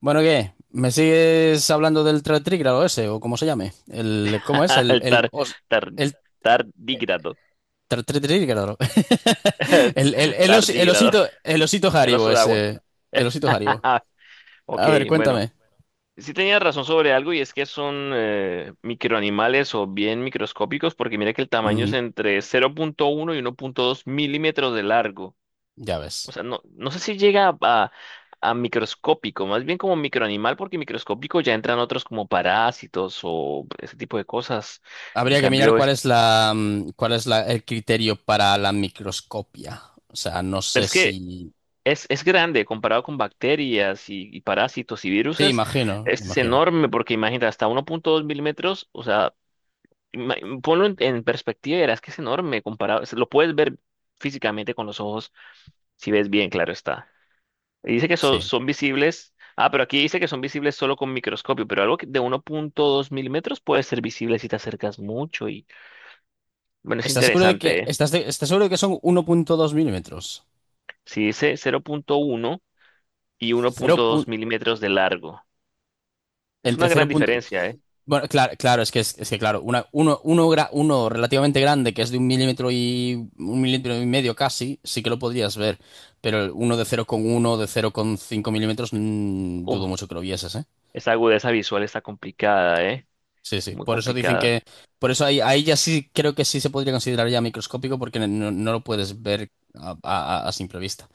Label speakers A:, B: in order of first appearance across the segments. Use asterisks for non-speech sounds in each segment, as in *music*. A: Bueno, ¿qué? ¿Me sigues hablando del tra- trígrado ese o cómo se llame?
B: *laughs* El tar, tar,
A: El
B: tardígrado.
A: tra- tri- trígrado. *laughs*
B: *laughs*
A: El, el, el os- el
B: Tardígrado.
A: osito, el osito
B: El
A: Haribo
B: oso de agua.
A: ese. El osito Haribo.
B: *laughs* Ok,
A: A ver,
B: bueno.
A: cuéntame.
B: Sí tenía razón sobre algo y es que son microanimales o bien microscópicos, porque mira que el tamaño es
A: Ujú,
B: entre 0,1 y 1,2 milímetros de largo.
A: ya
B: O
A: ves.
B: sea, no sé si llega a microscópico, más bien como microanimal, porque microscópico ya entran otros como parásitos o ese tipo de cosas. En
A: Habría que mirar
B: cambio,
A: cuál
B: es,
A: es cuál es el criterio para la microscopia. O sea, no
B: pero
A: sé
B: es que
A: si...
B: Es grande comparado con bacterias y parásitos y
A: Sí,
B: viruses.
A: imagino,
B: Este es
A: imagino.
B: enorme porque imagínate, hasta uno punto dos milímetros, o sea, ima- ponlo en perspectiva y verás que es enorme comparado. Lo puedes ver físicamente con los ojos, si ves bien, claro está. Y dice que
A: Sí.
B: son visibles. Ah, pero aquí dice que son visibles solo con microscopio, pero algo de uno punto dos milímetros puede ser visible si te acercas mucho y bueno, es
A: ¿Estás seguro de que,
B: interesante, ¿eh?
A: estás de- estás seguro de que son 1.2 milímetros?
B: Si dice cero punto uno y uno
A: Cero
B: punto
A: pu-
B: dos milímetros de largo. Es una
A: entre 0.
B: gran diferencia, ¿eh?
A: Bueno, claro, claro, es que claro, una, uno, uno, gra- uno relativamente grande, que es de un milímetro y medio casi, sí que lo podrías ver. Pero el uno de 0,1, de cero coma cinco milímetros, dudo
B: Oh,
A: mucho que lo vieses, ¿eh?
B: esa agudeza visual está complicada, ¿eh?
A: Sí, sí.
B: Muy
A: Por eso dicen
B: complicada.
A: que. Por eso ahí ya sí creo que sí se podría considerar ya microscópico, porque no lo puedes ver a simple vista.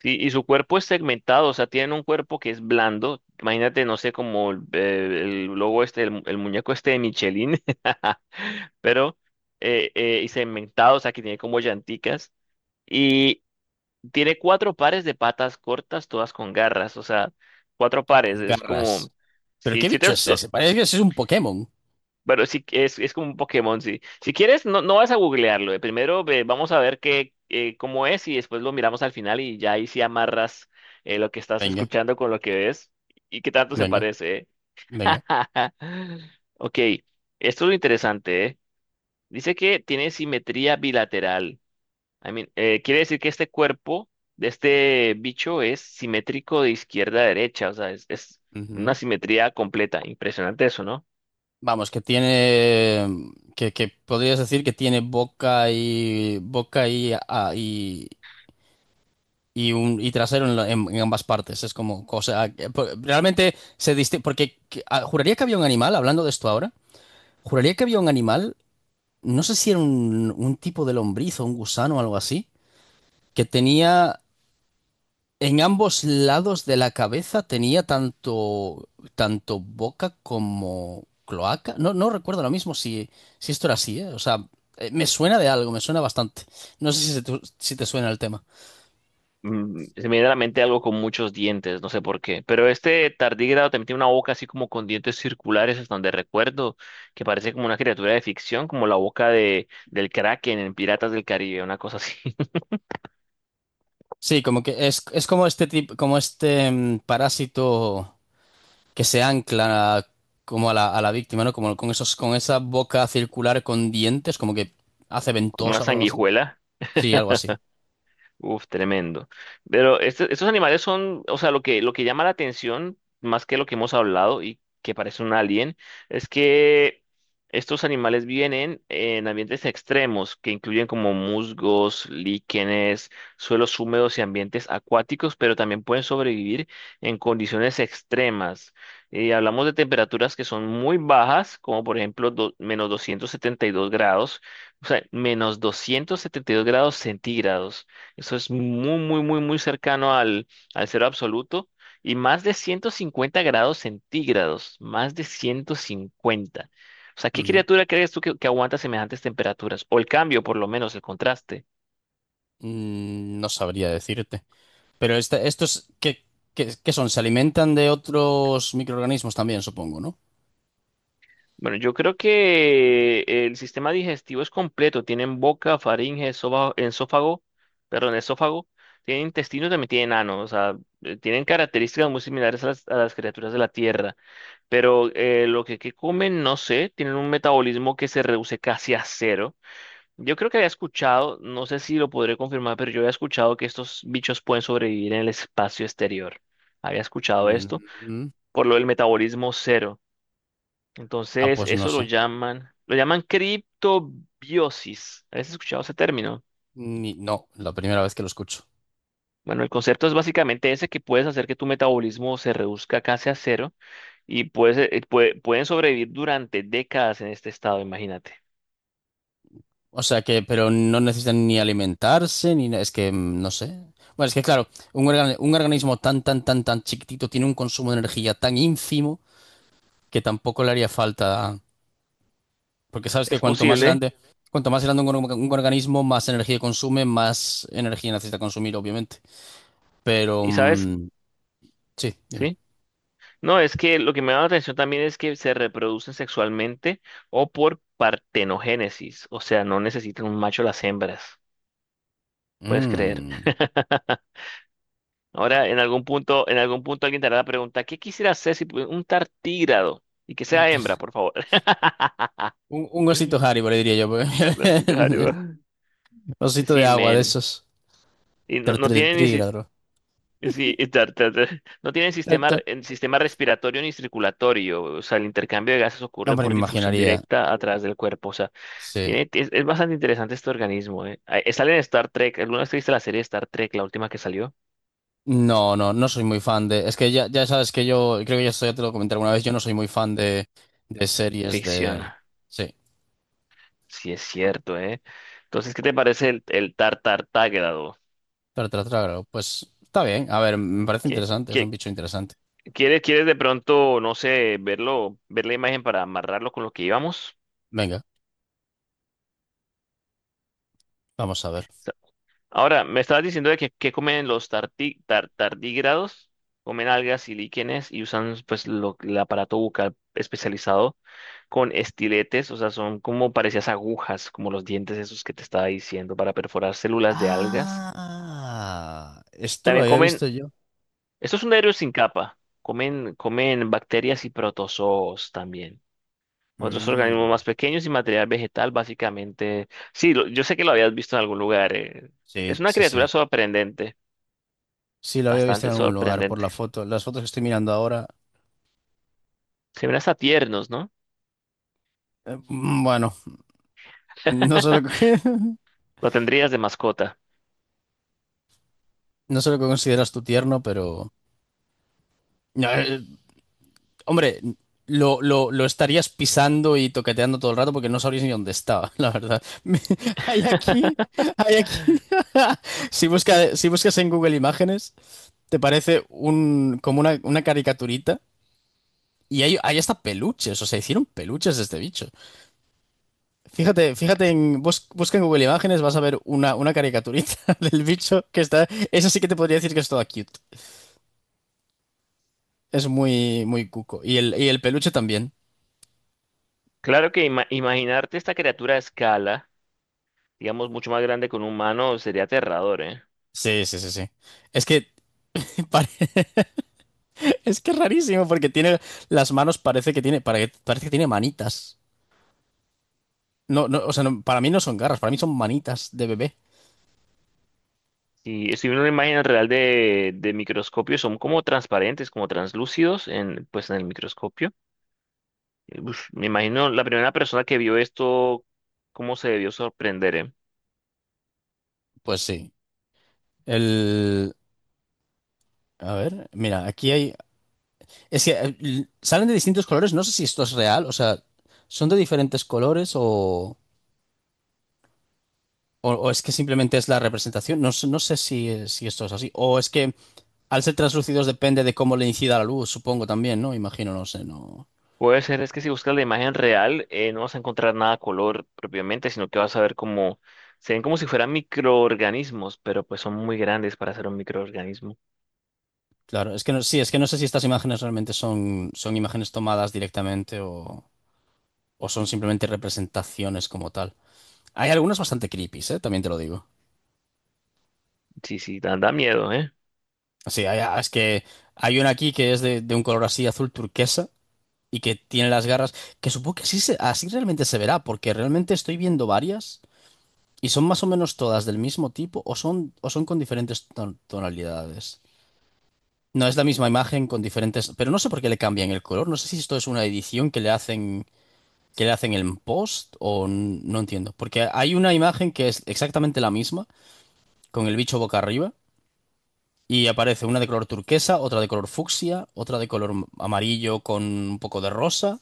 B: Sí, y su cuerpo es segmentado, o sea, tienen un cuerpo que es blando. Imagínate, no sé, como el logo este, el, el muñeco este de Michelin, *laughs* pero y segmentado, o sea, que tiene como llanticas. Y tiene cuatro pares de patas cortas, todas con garras, o sea, cuatro pares.
A: Con
B: Es
A: garras.
B: como,
A: ¿Pero
B: si,
A: qué
B: si te,
A: bicho es ese? Parece que ese es un Pokémon.
B: Bueno, sí, es como un Pokémon, sí. Si quieres, no, no vas a googlearlo. Primero vamos a ver qué, cómo es y después lo miramos al final y ya ahí sí amarras lo que estás
A: Venga,
B: escuchando con lo que ves y qué tanto se
A: venga,
B: parece.
A: venga.
B: *laughs* Ok, esto es lo interesante, ¿eh? Dice que tiene simetría bilateral. I mean, quiere decir que este cuerpo de este bicho es simétrico de izquierda a derecha, o sea, es una
A: Ujú.
B: simetría completa. Impresionante eso, ¿no?
A: Vamos, que podrías decir que tiene boca y y un y trasero en ambas partes. Es como cosa que realmente se distingue porque juraría que había un animal, hablando de esto ahora, juraría que había un animal, no sé si era un tipo de lombriz o un gusano o algo así, que tenía en ambos lados de la cabeza. Tenía tanto, tanto boca como cloaca. No, no recuerdo ahora mismo si, si esto era así, ¿eh? O sea, me suena de algo, me suena bastante. No sé si, si te suena el tema.
B: Se me viene a la mente algo con muchos dientes, no sé por qué. Pero este tardígrado también tiene una boca así como con dientes circulares, hasta donde recuerdo, que parece como una criatura de ficción, como la boca de, del Kraken en Piratas del Caribe, una cosa así. *laughs*
A: Sí, como que es como este tipo, como este parásito que se ancla como a a la víctima, ¿no? Como con esos, con esa boca circular con dientes, como que hace
B: Como una
A: ventosa o algo así.
B: sanguijuela.
A: Sí, algo así.
B: Uf, tremendo. Pero estos animales son, o sea, lo que llama la atención, más que lo que hemos hablado y que parece un alien, es que estos animales vienen en ambientes extremos, que incluyen como musgos, líquenes, suelos húmedos y ambientes acuáticos, pero también pueden sobrevivir en condiciones extremas. Y hablamos de temperaturas que son muy bajas, como por ejemplo -272 grados, o sea, -272 grados centígrados. Eso es muy, muy, muy, muy cercano al, al cero absoluto, y más de 150 grados centígrados, más de 150. O sea, ¿qué
A: Ujú.
B: criatura crees tú que aguanta semejantes temperaturas? O el cambio, por lo menos, el contraste.
A: No sabría decirte. Pero estos, ¿qué, qué son? Se alimentan de otros microorganismos también, supongo, ¿no?
B: Bueno, yo creo que el sistema digestivo es completo. Tienen boca, faringe, esófago, perdón, esófago. Tienen intestinos, también tienen ano. O sea, tienen características muy similares a las criaturas de la Tierra. Pero lo que comen, no sé, tienen un metabolismo que se reduce casi a cero. Yo creo que había escuchado, no sé si lo podré confirmar, pero yo había escuchado que estos bichos pueden sobrevivir en el espacio exterior. Había escuchado esto,
A: Mm,
B: por lo del metabolismo cero.
A: ah,
B: Entonces,
A: pues no
B: eso lo
A: sé.
B: llaman, lo llaman criptobiosis. ¿Habías escuchado ese término?
A: No, la primera vez que lo escucho.
B: Bueno, el concepto es básicamente ese, que puedes hacer que tu metabolismo se reduzca casi a cero y puedes, pueden sobrevivir durante décadas en este estado, imagínate.
A: O sea que, pero no necesitan ni alimentarse, ni na- es que no sé. Bueno, es que claro, un organismo tan, tan, tan, tan chiquitito tiene un consumo de energía tan ínfimo que tampoco le haría falta. Porque sabes que
B: Es posible.
A: cuanto más grande un organismo, más energía consume, más energía necesita consumir, obviamente. Pero
B: ¿Y sabes?
A: sí, dime.
B: Sí. No, es que lo que me da la atención también es que se reproducen sexualmente o por partenogénesis. O sea, no necesitan un macho las hembras. Puedes creer.
A: Mm.
B: *laughs* Ahora, en algún punto, alguien te hará la pregunta, ¿qué quisiera hacer si un tartígrado? Y que sea hembra, por favor.
A: Un osito
B: *laughs*
A: Haribo, le diría yo.
B: Así te
A: Porque...
B: haría.
A: *laughs* Osito de
B: Sí,
A: agua de
B: men.
A: esos.
B: Y no, no tiene ni,
A: Trígrado.
B: Sí, y no tienen
A: Tr-
B: sistema,
A: tr-
B: en sistema respiratorio ni circulatorio, o sea, el intercambio de gases ocurre
A: Hombre,
B: por
A: me
B: difusión
A: imaginaría.
B: directa a través del cuerpo, o sea,
A: Sí.
B: es bastante interesante este organismo, ¿eh? Sale en Star Trek. ¿Alguna vez viste la serie de Star Trek, la última que salió?
A: No, no, no soy muy fan de. Es que ya, ya sabes que yo, creo que ya, esto ya te lo comenté alguna vez, yo no soy muy fan de series
B: Ficción,
A: de. Sí.
B: sí es cierto, ¿eh? Entonces, ¿qué te parece el tartartágrado?
A: Trágalo. Pues está bien. A ver, me parece
B: ¿Qué,
A: interesante, es un
B: qué,
A: bicho interesante.
B: quieres, quieres de pronto, no sé, verlo, ver la imagen para amarrarlo con lo que íbamos?
A: Venga, vamos a ver.
B: Ahora, me estabas diciendo de que comen los tardígrados, comen algas y líquenes, y usan pues el aparato bucal especializado con estiletes, o sea, son como parecías agujas, como los dientes esos que te estaba diciendo, para perforar células de algas.
A: Ah, esto lo
B: También
A: había
B: comen,
A: visto yo.
B: estos son aéreos sin capa, comen, comen bacterias y protozoos también. Otros organismos
A: Mm.
B: más pequeños y material vegetal, básicamente. Sí, yo sé que lo habías visto en algún lugar.
A: Sí,
B: Es una
A: sí, sí.
B: criatura sorprendente.
A: Sí, lo había visto
B: Bastante,
A: en
B: mm,
A: algún lugar por
B: sorprendente.
A: la foto. Las fotos que estoy mirando ahora,
B: Se ven hasta tiernos, ¿no?
A: bueno, *laughs* no sé lo que, *laughs*
B: Lo tendrías de mascota.
A: no sé lo que consideras tu tierno, pero... no, hombre, lo estarías pisando y toqueteando todo el rato porque no sabrías ni dónde estaba, la verdad. *laughs* Me... Hay aquí,
B: *laughs*
A: hay aquí. *laughs* Si buscas en Google Imágenes, te parece como una caricaturita y hay hasta peluches, o sea, hicieron peluches de este bicho. Fíjate, busca en Google Imágenes, vas a ver una caricaturita *laughs* del bicho que está. Eso sí que te podría decir que es toda cute. Es muy, muy cuco. Y el peluche también.
B: Claro que imaginarte esta criatura a escala, digamos, mucho más grande que un humano, sería aterrador, ¿eh?
A: Sí, sí, sí, sí. Es que *laughs* pare... es que es rarísimo porque tiene las manos. Parece que tiene parece que tiene manitas. No, no, o sea, no, para mí no son garras, para mí son manitas de bebé.
B: Si, si una imagen real de microscopio, son como transparentes, como translúcidos en, pues, en el microscopio. Uf, me imagino la primera persona que vio esto, cómo se debió sorprender, ¿eh?
A: Pues sí. El... A ver, mira, aquí hay... es que salen de distintos colores, no sé si esto es real, o sea, son de diferentes colores o... O, o es que simplemente es la representación. No, no sé si, si esto es así. O es que al ser translúcidos depende de cómo le incida la luz, supongo también, ¿no? Imagino, no sé, no.
B: Puede ser, es que si buscas la imagen real, no vas a encontrar nada a color propiamente, sino que vas a ver como, se ven como si fueran microorganismos, pero pues son muy grandes para ser un microorganismo.
A: Claro, es que no, sí, es que no sé si estas imágenes realmente son, son imágenes tomadas directamente o son simplemente representaciones como tal. Hay algunas bastante creepy, ¿eh? También te lo digo.
B: Sí, sí, da, da miedo, ¿eh?
A: Sí, hay... es que hay una aquí que es de un color así azul turquesa y que tiene las garras, que supongo que así, así realmente se verá, porque realmente estoy viendo varias. ¿Y son más o menos todas del mismo tipo o son con diferentes tonalidades? No, es la misma imagen con diferentes... Pero no sé por qué le cambian el color. No sé si esto es una edición que le hacen en post o no entiendo. Porque hay una imagen que es exactamente la misma, con el bicho boca arriba, y aparece una de color turquesa, otra de color fucsia, otra de color amarillo con un poco de rosa.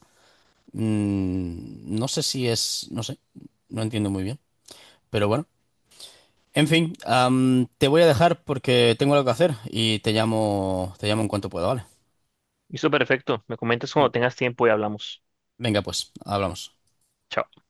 A: No sé si es... No sé. No entiendo muy bien. Pero bueno. En fin, te voy a dejar porque tengo algo que hacer y te llamo en cuanto pueda, ¿vale?
B: Listo, perfecto. Me comentas cuando tengas tiempo y hablamos.
A: Venga, pues, hablamos.
B: Chao.